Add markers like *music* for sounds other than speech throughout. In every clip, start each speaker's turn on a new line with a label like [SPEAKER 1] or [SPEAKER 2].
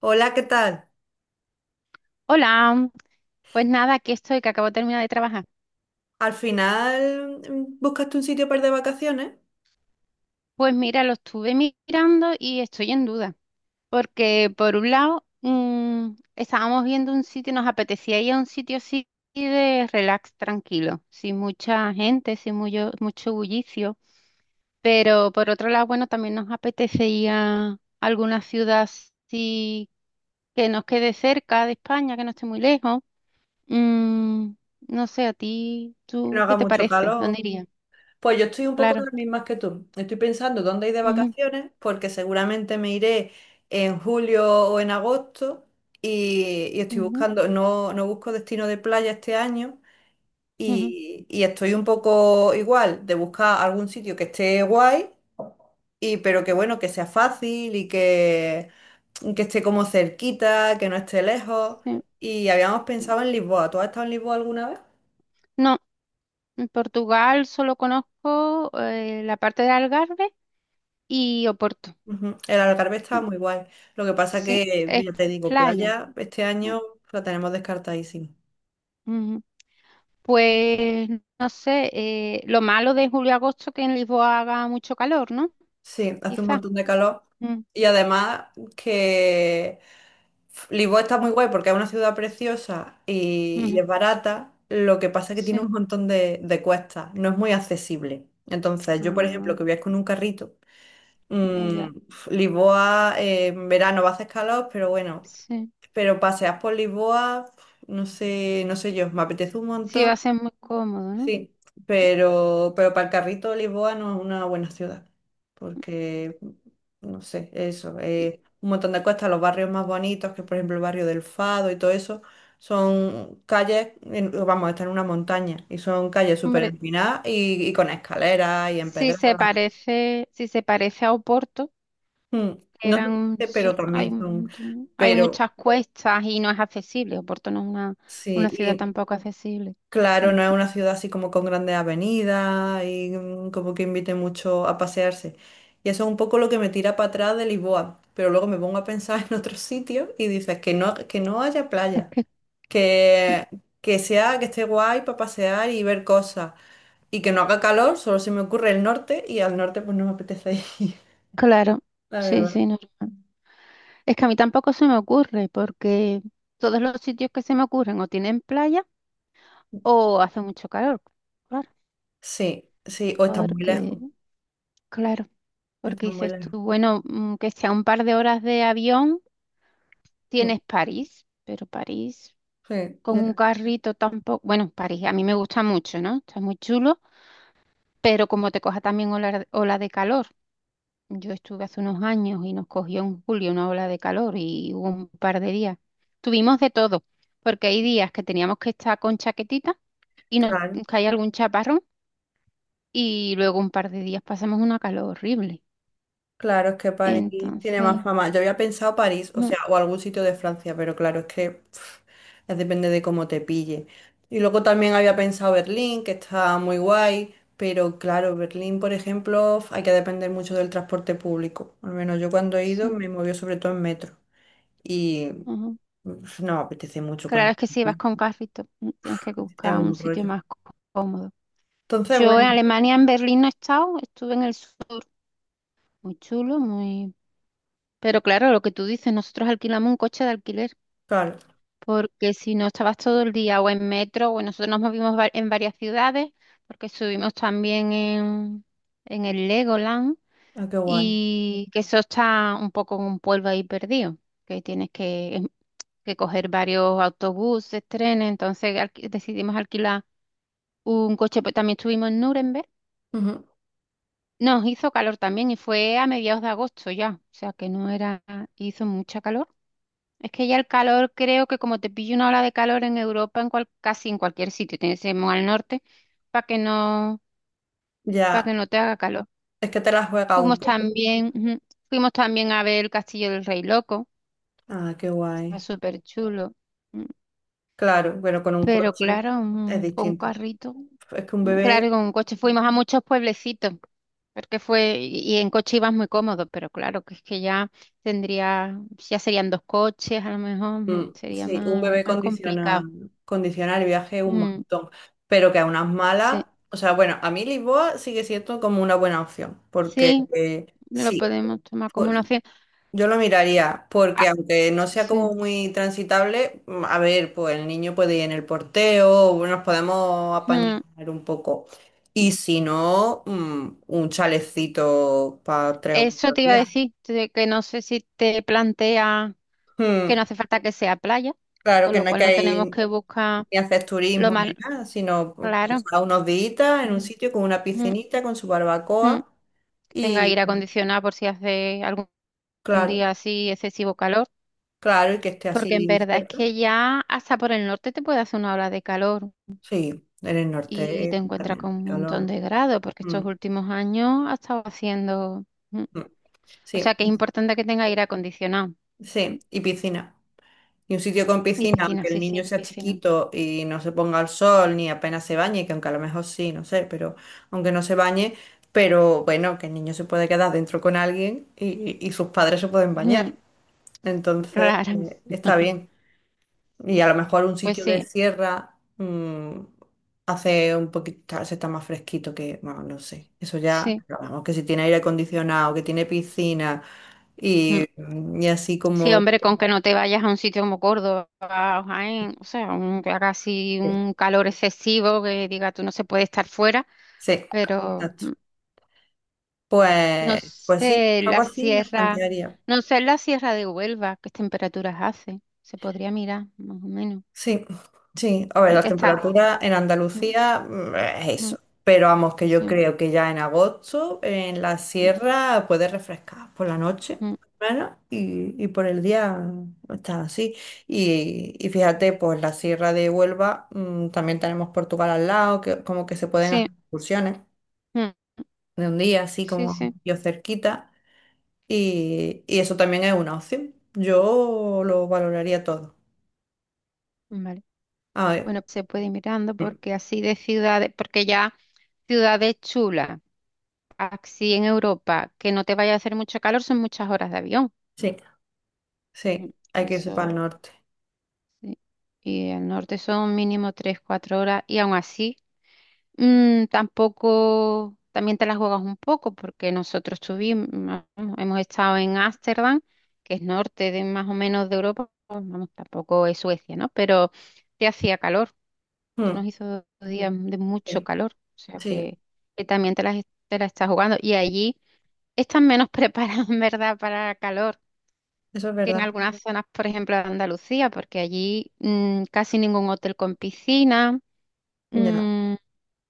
[SPEAKER 1] Hola, ¿qué tal?
[SPEAKER 2] Hola, pues nada, aquí estoy, que acabo de terminar de trabajar.
[SPEAKER 1] Al final buscaste un sitio para ir de vacaciones
[SPEAKER 2] Pues mira, lo estuve mirando y estoy en duda, porque por un lado estábamos viendo un sitio, nos apetecía ir a un sitio así de relax, tranquilo, sin mucha gente, sin mucho, mucho bullicio, pero por otro lado, bueno, también nos apetecía alguna ciudad así que nos quede cerca de España, que no esté muy lejos. Mm, no sé, a ti,
[SPEAKER 1] que no
[SPEAKER 2] ¿tú qué
[SPEAKER 1] haga
[SPEAKER 2] te
[SPEAKER 1] mucho
[SPEAKER 2] parece? ¿Dónde
[SPEAKER 1] calor.
[SPEAKER 2] irías?
[SPEAKER 1] Pues yo estoy un poco en
[SPEAKER 2] Claro.
[SPEAKER 1] las mismas que tú. Estoy pensando dónde ir de
[SPEAKER 2] Ujú.
[SPEAKER 1] vacaciones porque seguramente me iré en julio o en agosto y estoy
[SPEAKER 2] Ujú,
[SPEAKER 1] buscando, no busco destino de playa este año
[SPEAKER 2] ujú,
[SPEAKER 1] y estoy un poco igual de buscar algún sitio que esté guay. Y pero que bueno, que sea fácil que esté como cerquita, que no esté lejos.
[SPEAKER 2] sí.
[SPEAKER 1] Y habíamos pensado en Lisboa. ¿Tú has estado en Lisboa alguna vez?
[SPEAKER 2] No, en Portugal solo conozco la parte de Algarve y Oporto.
[SPEAKER 1] Ujú. El Algarve está
[SPEAKER 2] Mm.
[SPEAKER 1] muy guay. Lo que pasa
[SPEAKER 2] Sí,
[SPEAKER 1] que,
[SPEAKER 2] es
[SPEAKER 1] ya te digo,
[SPEAKER 2] playa.
[SPEAKER 1] playa este
[SPEAKER 2] Mm,
[SPEAKER 1] año la tenemos descartadísima.
[SPEAKER 2] ujú. Pues no sé, lo malo de julio-agosto que en Lisboa haga mucho calor, ¿no?
[SPEAKER 1] Sí, hace un
[SPEAKER 2] Quizá.
[SPEAKER 1] montón de calor.
[SPEAKER 2] Mm,
[SPEAKER 1] Y además que Lisboa está muy guay porque es una ciudad preciosa y
[SPEAKER 2] ujú,
[SPEAKER 1] es barata. Lo que pasa es que tiene
[SPEAKER 2] sí.
[SPEAKER 1] un montón de cuestas, no es muy accesible. Entonces, yo, por ejemplo,
[SPEAKER 2] Ah,
[SPEAKER 1] que viajo con un carrito, mm,
[SPEAKER 2] ya,
[SPEAKER 1] Lisboa en verano va a hacer calor, pero bueno,
[SPEAKER 2] sí.
[SPEAKER 1] paseas por Lisboa, no sé, no sé yo, me apetece un
[SPEAKER 2] Sí,
[SPEAKER 1] montón.
[SPEAKER 2] va a ser muy cómodo, ¿no?
[SPEAKER 1] Sí, pero para el carrito Lisboa no es una buena ciudad, porque, no sé, eso,
[SPEAKER 2] Y,
[SPEAKER 1] un montón de cosas, los barrios más bonitos, que por ejemplo el barrio del Fado y todo eso, son vamos, está en una montaña, y son calles súper
[SPEAKER 2] hombre,
[SPEAKER 1] empinadas y con escaleras y
[SPEAKER 2] si se
[SPEAKER 1] empedradas.
[SPEAKER 2] parece, si se parece a Oporto.
[SPEAKER 1] Mm, no sé,
[SPEAKER 2] Eran,
[SPEAKER 1] por qué, pero
[SPEAKER 2] hay,
[SPEAKER 1] también son,
[SPEAKER 2] hay
[SPEAKER 1] pero
[SPEAKER 2] muchas cuestas y no es accesible. Oporto no es una ciudad
[SPEAKER 1] sí,
[SPEAKER 2] tampoco accesible.
[SPEAKER 1] claro,
[SPEAKER 2] Mm.
[SPEAKER 1] no es una ciudad así como con grandes avenidas y como que invite mucho a pasearse. Y eso es un poco lo que me tira para atrás de Lisboa. Pero luego me pongo a pensar *laughs* en otros sitios y dices que no haya playa, que, que sea, que esté guay para pasear y ver cosas. Y que no haga calor, solo se me ocurre el norte y al norte pues no me apetece ir,
[SPEAKER 2] Claro,
[SPEAKER 1] *laughs* la
[SPEAKER 2] sí,
[SPEAKER 1] verdad.
[SPEAKER 2] sí, normal. Es que a mí tampoco se me ocurre porque todos los sitios que se me ocurren o tienen playa o hace mucho calor. Claro,
[SPEAKER 1] Sí, sí, o está muy lejos.
[SPEAKER 2] porque, claro, porque
[SPEAKER 1] Está muy
[SPEAKER 2] dices
[SPEAKER 1] lejos.
[SPEAKER 2] tú, bueno, que sea un par de horas de avión,
[SPEAKER 1] Mm,
[SPEAKER 2] tienes París, pero París
[SPEAKER 1] sí,
[SPEAKER 2] con
[SPEAKER 1] ya,
[SPEAKER 2] un carrito tampoco. Bueno, París a mí me gusta mucho, ¿no? Está muy chulo, pero como te coja también ola de calor, yo estuve hace unos años y nos cogió en julio una ola de calor y hubo un par de días. Tuvimos de todo, porque hay días que teníamos que estar con chaquetita y nos
[SPEAKER 1] claro.
[SPEAKER 2] caía algún chaparrón y luego un par de días pasamos una calor horrible.
[SPEAKER 1] Claro, es que París tiene más
[SPEAKER 2] Entonces,
[SPEAKER 1] fama. Yo había pensado París, o
[SPEAKER 2] mm,
[SPEAKER 1] sea, o algún sitio de Francia, pero claro, es que pf, es depende de cómo te pille. Y luego también había pensado Berlín, que está muy guay, pero claro, Berlín, por ejemplo, hay que depender mucho del transporte público. Al menos yo cuando he ido
[SPEAKER 2] sí,
[SPEAKER 1] me movió sobre todo en metro y
[SPEAKER 2] ujú.
[SPEAKER 1] pf, no me apetece mucho con
[SPEAKER 2] Claro,
[SPEAKER 1] el
[SPEAKER 2] es que si vas con
[SPEAKER 1] transporte,
[SPEAKER 2] carrito, tienes que
[SPEAKER 1] es
[SPEAKER 2] buscar un
[SPEAKER 1] un
[SPEAKER 2] sitio
[SPEAKER 1] rollo.
[SPEAKER 2] más cómodo.
[SPEAKER 1] Entonces,
[SPEAKER 2] Yo en
[SPEAKER 1] bueno,
[SPEAKER 2] Alemania, en Berlín, no he estado, estuve en el sur, muy chulo, muy pero claro, lo que tú dices, nosotros alquilamos un coche de alquiler,
[SPEAKER 1] claro,
[SPEAKER 2] porque si no estabas todo el día o en metro, o nosotros nos movimos en varias ciudades, porque subimos también en el Legoland,
[SPEAKER 1] ah, qué guay.
[SPEAKER 2] y que eso está un poco en un pueblo ahí perdido, que tienes que coger varios autobuses, trenes, entonces decidimos alquilar un coche, pues también estuvimos en Nuremberg.
[SPEAKER 1] Ujú.
[SPEAKER 2] Nos hizo calor también y fue a mediados de agosto ya, o sea que no era, hizo mucha calor. Es que ya el calor, creo que como te pilla una ola de calor en Europa, casi en cualquier sitio, tienes que ir al norte para que no, para
[SPEAKER 1] Ya,
[SPEAKER 2] que no te haga calor.
[SPEAKER 1] es que te la juegas un poco.
[SPEAKER 2] Ujú, fuimos también a ver el Castillo del Rey Loco,
[SPEAKER 1] Ah, qué guay.
[SPEAKER 2] está súper chulo. mm,
[SPEAKER 1] Claro, bueno, con un
[SPEAKER 2] Pero
[SPEAKER 1] coche
[SPEAKER 2] claro,
[SPEAKER 1] es
[SPEAKER 2] con un
[SPEAKER 1] distinto.
[SPEAKER 2] carrito,
[SPEAKER 1] Es que un
[SPEAKER 2] claro,
[SPEAKER 1] bebé,
[SPEAKER 2] y con un coche fuimos a muchos pueblecitos, porque fue, y en coche ibas muy cómodo, pero claro, que es que ya tendría, ya serían dos coches, a lo mejor sería
[SPEAKER 1] sí, un
[SPEAKER 2] más,
[SPEAKER 1] bebé
[SPEAKER 2] más
[SPEAKER 1] condiciona,
[SPEAKER 2] complicado.
[SPEAKER 1] condiciona el viaje un
[SPEAKER 2] Mm,
[SPEAKER 1] montón, pero que a unas malas,
[SPEAKER 2] sí.
[SPEAKER 1] o sea, bueno, a mí Lisboa sigue siendo como una buena opción, porque
[SPEAKER 2] Sí, lo
[SPEAKER 1] sí,
[SPEAKER 2] podemos tomar como una
[SPEAKER 1] por-
[SPEAKER 2] opción.
[SPEAKER 1] yo lo miraría, porque
[SPEAKER 2] Ah,
[SPEAKER 1] aunque no sea
[SPEAKER 2] sí.
[SPEAKER 1] como muy transitable, a ver, pues el niño puede ir en el porteo, o nos podemos apañar
[SPEAKER 2] Mm,
[SPEAKER 1] un poco. Y si no, un chalecito para tres o
[SPEAKER 2] Eso
[SPEAKER 1] cuatro
[SPEAKER 2] te iba a
[SPEAKER 1] días.
[SPEAKER 2] decir, de que no sé si te plantea que no
[SPEAKER 1] Mm.
[SPEAKER 2] hace falta que sea playa,
[SPEAKER 1] Claro
[SPEAKER 2] con
[SPEAKER 1] que
[SPEAKER 2] lo
[SPEAKER 1] no hay
[SPEAKER 2] cual no
[SPEAKER 1] que
[SPEAKER 2] tenemos
[SPEAKER 1] ir
[SPEAKER 2] que buscar
[SPEAKER 1] ni hacer
[SPEAKER 2] lo
[SPEAKER 1] turismo
[SPEAKER 2] más
[SPEAKER 1] ni *laughs* nada, sino pues,
[SPEAKER 2] claro.
[SPEAKER 1] pasar unos días en un
[SPEAKER 2] Ujú,
[SPEAKER 1] sitio con una
[SPEAKER 2] ujú,
[SPEAKER 1] piscinita, con su
[SPEAKER 2] ujú.
[SPEAKER 1] barbacoa
[SPEAKER 2] Que tenga
[SPEAKER 1] y
[SPEAKER 2] aire acondicionado por si hace algún
[SPEAKER 1] claro,
[SPEAKER 2] día así excesivo calor,
[SPEAKER 1] claro, y que esté
[SPEAKER 2] porque en
[SPEAKER 1] así
[SPEAKER 2] verdad es
[SPEAKER 1] cerca.
[SPEAKER 2] que ya hasta por el norte te puede hacer una ola de calor
[SPEAKER 1] Sí, en el
[SPEAKER 2] y
[SPEAKER 1] norte
[SPEAKER 2] te encuentras
[SPEAKER 1] también,
[SPEAKER 2] con
[SPEAKER 1] hace
[SPEAKER 2] un montón
[SPEAKER 1] calor.
[SPEAKER 2] de grados, porque
[SPEAKER 1] Mm,
[SPEAKER 2] estos últimos años ha estado haciendo...
[SPEAKER 1] mm.
[SPEAKER 2] O
[SPEAKER 1] Sí,
[SPEAKER 2] sea que es importante que tenga aire acondicionado. Mm,
[SPEAKER 1] sí, y piscina. Y un sitio con
[SPEAKER 2] Y
[SPEAKER 1] piscina,
[SPEAKER 2] piscina,
[SPEAKER 1] aunque el
[SPEAKER 2] sí, sí,
[SPEAKER 1] niño sea
[SPEAKER 2] piscina.
[SPEAKER 1] chiquito y no se ponga al sol ni apenas se bañe, que aunque a lo mejor sí, no sé, pero aunque no se bañe, pero bueno, que el niño se puede quedar dentro con alguien y sus padres se pueden
[SPEAKER 2] Mm,
[SPEAKER 1] bañar. Entonces,
[SPEAKER 2] Rara.
[SPEAKER 1] está
[SPEAKER 2] *laughs*
[SPEAKER 1] bien. Y
[SPEAKER 2] Sí,
[SPEAKER 1] a lo mejor un
[SPEAKER 2] pues
[SPEAKER 1] sitio de
[SPEAKER 2] sí,
[SPEAKER 1] sierra hace un poquito, se está más fresquito que, bueno, no sé. Eso ya,
[SPEAKER 2] sí.
[SPEAKER 1] pero vamos, que si tiene aire acondicionado, que tiene piscina
[SPEAKER 2] Mm.
[SPEAKER 1] y así
[SPEAKER 2] Sí,
[SPEAKER 1] como...
[SPEAKER 2] hombre, con que no te vayas a un sitio como Córdoba o Jaén, o sea, que haga así
[SPEAKER 1] Sí,
[SPEAKER 2] un calor excesivo, que diga tú no se puede estar fuera,
[SPEAKER 1] sí,
[SPEAKER 2] pero
[SPEAKER 1] exacto.
[SPEAKER 2] no
[SPEAKER 1] Pues, pues sí,
[SPEAKER 2] sé
[SPEAKER 1] algo
[SPEAKER 2] la
[SPEAKER 1] así me
[SPEAKER 2] sierra,
[SPEAKER 1] plantearía.
[SPEAKER 2] de Huelva, qué temperaturas hace, se podría mirar más o menos,
[SPEAKER 1] Sí, sí. A ver, las
[SPEAKER 2] que está
[SPEAKER 1] temperaturas
[SPEAKER 2] cerca.
[SPEAKER 1] en
[SPEAKER 2] Mm,
[SPEAKER 1] Andalucía es
[SPEAKER 2] mm,
[SPEAKER 1] eso. Pero vamos, que yo
[SPEAKER 2] sí,
[SPEAKER 1] creo que ya en agosto en la
[SPEAKER 2] mm,
[SPEAKER 1] sierra puede refrescar por la noche,
[SPEAKER 2] mm,
[SPEAKER 1] bueno, y por el día está así. Y fíjate, pues la sierra de Huelva, también tenemos Portugal al lado, que como que se pueden
[SPEAKER 2] sí.
[SPEAKER 1] hacer excursiones
[SPEAKER 2] Mm.
[SPEAKER 1] de un día, así
[SPEAKER 2] Sí,
[SPEAKER 1] como
[SPEAKER 2] sí,
[SPEAKER 1] yo cerquita. Y eso también es una opción. Yo lo valoraría todo.
[SPEAKER 2] vale.
[SPEAKER 1] A ver.
[SPEAKER 2] Bueno, se puede ir mirando
[SPEAKER 1] Mm,
[SPEAKER 2] porque así de ciudades, porque ya ciudades chulas, así en Europa, que no te vaya a hacer mucho calor, son muchas horas de avión.
[SPEAKER 1] sí.
[SPEAKER 2] Mm,
[SPEAKER 1] Sí, hay que irse para el
[SPEAKER 2] eso,
[SPEAKER 1] norte.
[SPEAKER 2] sí. Y al norte son mínimo tres, cuatro horas, y aún así, tampoco, también te las juegas un poco, porque hemos estado en Ámsterdam, que es norte de más o menos de Europa, pues, vamos, tampoco es Suecia, ¿no? Pero te hacía calor. Nosotros
[SPEAKER 1] Mm,
[SPEAKER 2] nos hizo dos días de mucho
[SPEAKER 1] sí,
[SPEAKER 2] calor, o sea
[SPEAKER 1] sí,
[SPEAKER 2] que también te las estás jugando. Y allí están menos *laughs* preparados, en verdad, para calor
[SPEAKER 1] eso es
[SPEAKER 2] que en
[SPEAKER 1] verdad.
[SPEAKER 2] algunas zonas, por ejemplo, de Andalucía, porque allí casi ningún hotel con piscina,
[SPEAKER 1] Ya,
[SPEAKER 2] mm,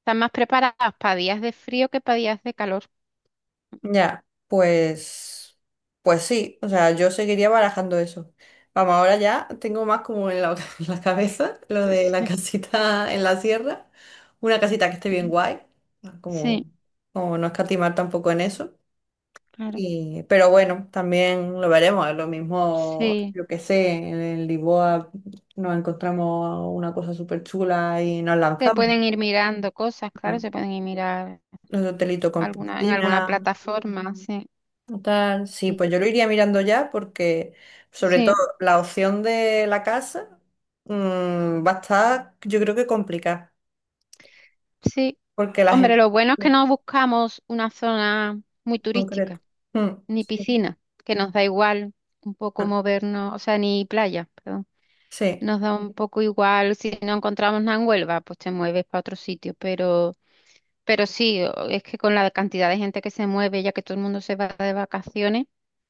[SPEAKER 2] están más preparados para días de frío que para días de calor.
[SPEAKER 1] ya, pues, pues sí, o sea, yo seguiría barajando eso. Vamos, ahora ya tengo más como en la, *laughs* en la cabeza lo de la
[SPEAKER 2] *laughs*
[SPEAKER 1] casita en la sierra, una casita que esté
[SPEAKER 2] Sí,
[SPEAKER 1] bien guay, como,
[SPEAKER 2] sí,
[SPEAKER 1] como no escatimar tampoco en eso.
[SPEAKER 2] claro,
[SPEAKER 1] Y, pero bueno, también lo veremos, es lo mismo,
[SPEAKER 2] sí.
[SPEAKER 1] yo qué sé, en Lisboa nos encontramos una cosa súper chula y nos
[SPEAKER 2] Se
[SPEAKER 1] lanzamos.
[SPEAKER 2] pueden ir mirando cosas, claro,
[SPEAKER 1] Hmm.
[SPEAKER 2] se pueden ir mirar
[SPEAKER 1] Un hotelito con
[SPEAKER 2] alguna, en alguna
[SPEAKER 1] piscina,
[SPEAKER 2] plataforma, sí.
[SPEAKER 1] o tal. Sí, pues
[SPEAKER 2] Sí.
[SPEAKER 1] yo lo iría mirando ya porque, sobre todo,
[SPEAKER 2] Sí.
[SPEAKER 1] la opción de la casa va a estar, yo creo que complicada,
[SPEAKER 2] Sí,
[SPEAKER 1] porque la
[SPEAKER 2] hombre,
[SPEAKER 1] gente
[SPEAKER 2] lo bueno es que
[SPEAKER 1] en
[SPEAKER 2] no buscamos una zona muy
[SPEAKER 1] concreto.
[SPEAKER 2] turística,
[SPEAKER 1] Mm,
[SPEAKER 2] ni
[SPEAKER 1] sí,
[SPEAKER 2] piscina, que nos da igual un poco
[SPEAKER 1] mm,
[SPEAKER 2] movernos, o sea, ni playa, perdón.
[SPEAKER 1] sí,
[SPEAKER 2] Nos da un poco igual si no encontramos nada en Huelva, pues te mueves para otro sitio, sí, es que con la cantidad de gente que se mueve, ya que todo el mundo se va de vacaciones,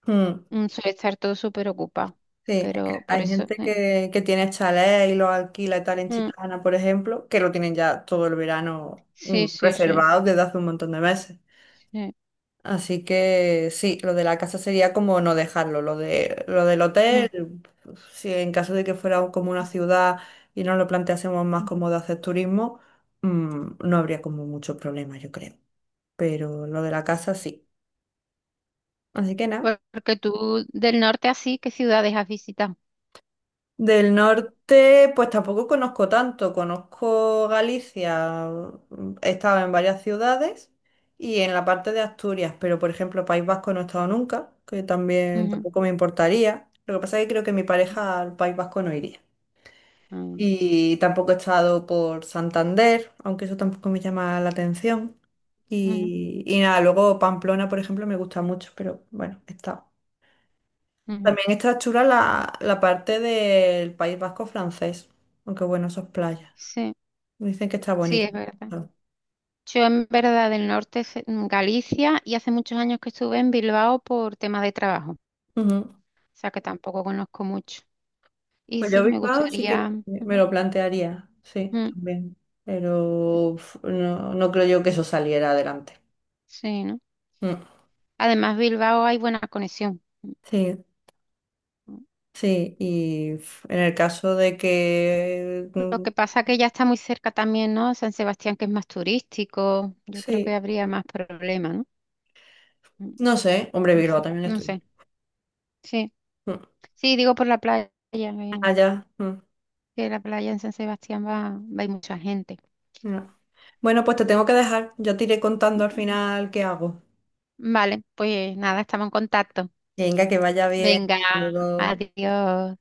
[SPEAKER 1] mm,
[SPEAKER 2] suele estar todo súper ocupado.
[SPEAKER 1] sí. Es
[SPEAKER 2] Pero
[SPEAKER 1] que
[SPEAKER 2] por
[SPEAKER 1] hay
[SPEAKER 2] eso,
[SPEAKER 1] gente que tiene chalés y los alquila y tal en
[SPEAKER 2] mm,
[SPEAKER 1] Chiclana, por ejemplo, que lo tienen ya todo el verano
[SPEAKER 2] sí, sí, sí,
[SPEAKER 1] reservado desde hace un montón de meses.
[SPEAKER 2] sí.
[SPEAKER 1] Así que sí, lo de la casa sería como no dejarlo. Lo del
[SPEAKER 2] Mm,
[SPEAKER 1] hotel, si en caso de que fuera como una ciudad y nos lo planteásemos más
[SPEAKER 2] mm.
[SPEAKER 1] como de hacer turismo, no habría como mucho problema, yo creo. Pero lo de la casa sí. Así que nada.
[SPEAKER 2] Porque tú del norte así, ¿qué ciudades has visitado?
[SPEAKER 1] Del norte, pues tampoco conozco tanto. Conozco Galicia, he estado en varias ciudades y en la parte de Asturias, pero por ejemplo, País Vasco no he estado nunca, que también
[SPEAKER 2] Ujú,
[SPEAKER 1] tampoco me importaría. Lo que pasa es que creo que mi
[SPEAKER 2] ujú,
[SPEAKER 1] pareja al País Vasco no iría.
[SPEAKER 2] ujú,
[SPEAKER 1] Y tampoco he estado por Santander, aunque eso tampoco me llama la atención.
[SPEAKER 2] ujú,
[SPEAKER 1] Y nada, luego Pamplona, por ejemplo, me gusta mucho, pero bueno, he estado.
[SPEAKER 2] ujú.
[SPEAKER 1] También está chula la, la parte del País Vasco francés, aunque bueno, esos playas.
[SPEAKER 2] Sí,
[SPEAKER 1] Dicen que está
[SPEAKER 2] sí,
[SPEAKER 1] bonito.
[SPEAKER 2] es verdad. Yo en verdad del norte, en Galicia, y hace muchos años que estuve en Bilbao por temas de trabajo, o
[SPEAKER 1] Ujú.
[SPEAKER 2] sea que tampoco conozco mucho. Y
[SPEAKER 1] Pues yo
[SPEAKER 2] sí, me
[SPEAKER 1] Bilbao sí que
[SPEAKER 2] gustaría,
[SPEAKER 1] me
[SPEAKER 2] ujú,
[SPEAKER 1] lo plantearía, sí,
[SPEAKER 2] ujú,
[SPEAKER 1] también. Pero uf, no, no creo yo que eso saliera adelante.
[SPEAKER 2] sí, ¿no?
[SPEAKER 1] Mm.
[SPEAKER 2] Además, Bilbao hay buena conexión.
[SPEAKER 1] Sí,
[SPEAKER 2] Ujú.
[SPEAKER 1] sí, y uf, en el caso de que...
[SPEAKER 2] Lo
[SPEAKER 1] mm,
[SPEAKER 2] que pasa que ya está muy cerca también, ¿no? San Sebastián, que es más turístico, yo creo
[SPEAKER 1] sí,
[SPEAKER 2] que habría más problemas, ¿no? Mm,
[SPEAKER 1] no sé, hombre,
[SPEAKER 2] No
[SPEAKER 1] Bilbao
[SPEAKER 2] sé,
[SPEAKER 1] también
[SPEAKER 2] no
[SPEAKER 1] estoy.
[SPEAKER 2] sé. Sí,
[SPEAKER 1] Mm.
[SPEAKER 2] sí, digo por la playa.
[SPEAKER 1] Allá. Mm,
[SPEAKER 2] Que la playa en San Sebastián va a ir mucha gente.
[SPEAKER 1] no. Bueno, pues te tengo que dejar. Yo te iré contando al final qué hago.
[SPEAKER 2] Vale, pues nada, estamos en contacto.
[SPEAKER 1] Venga, que vaya bien.
[SPEAKER 2] Venga,
[SPEAKER 1] Hasta luego.
[SPEAKER 2] adiós.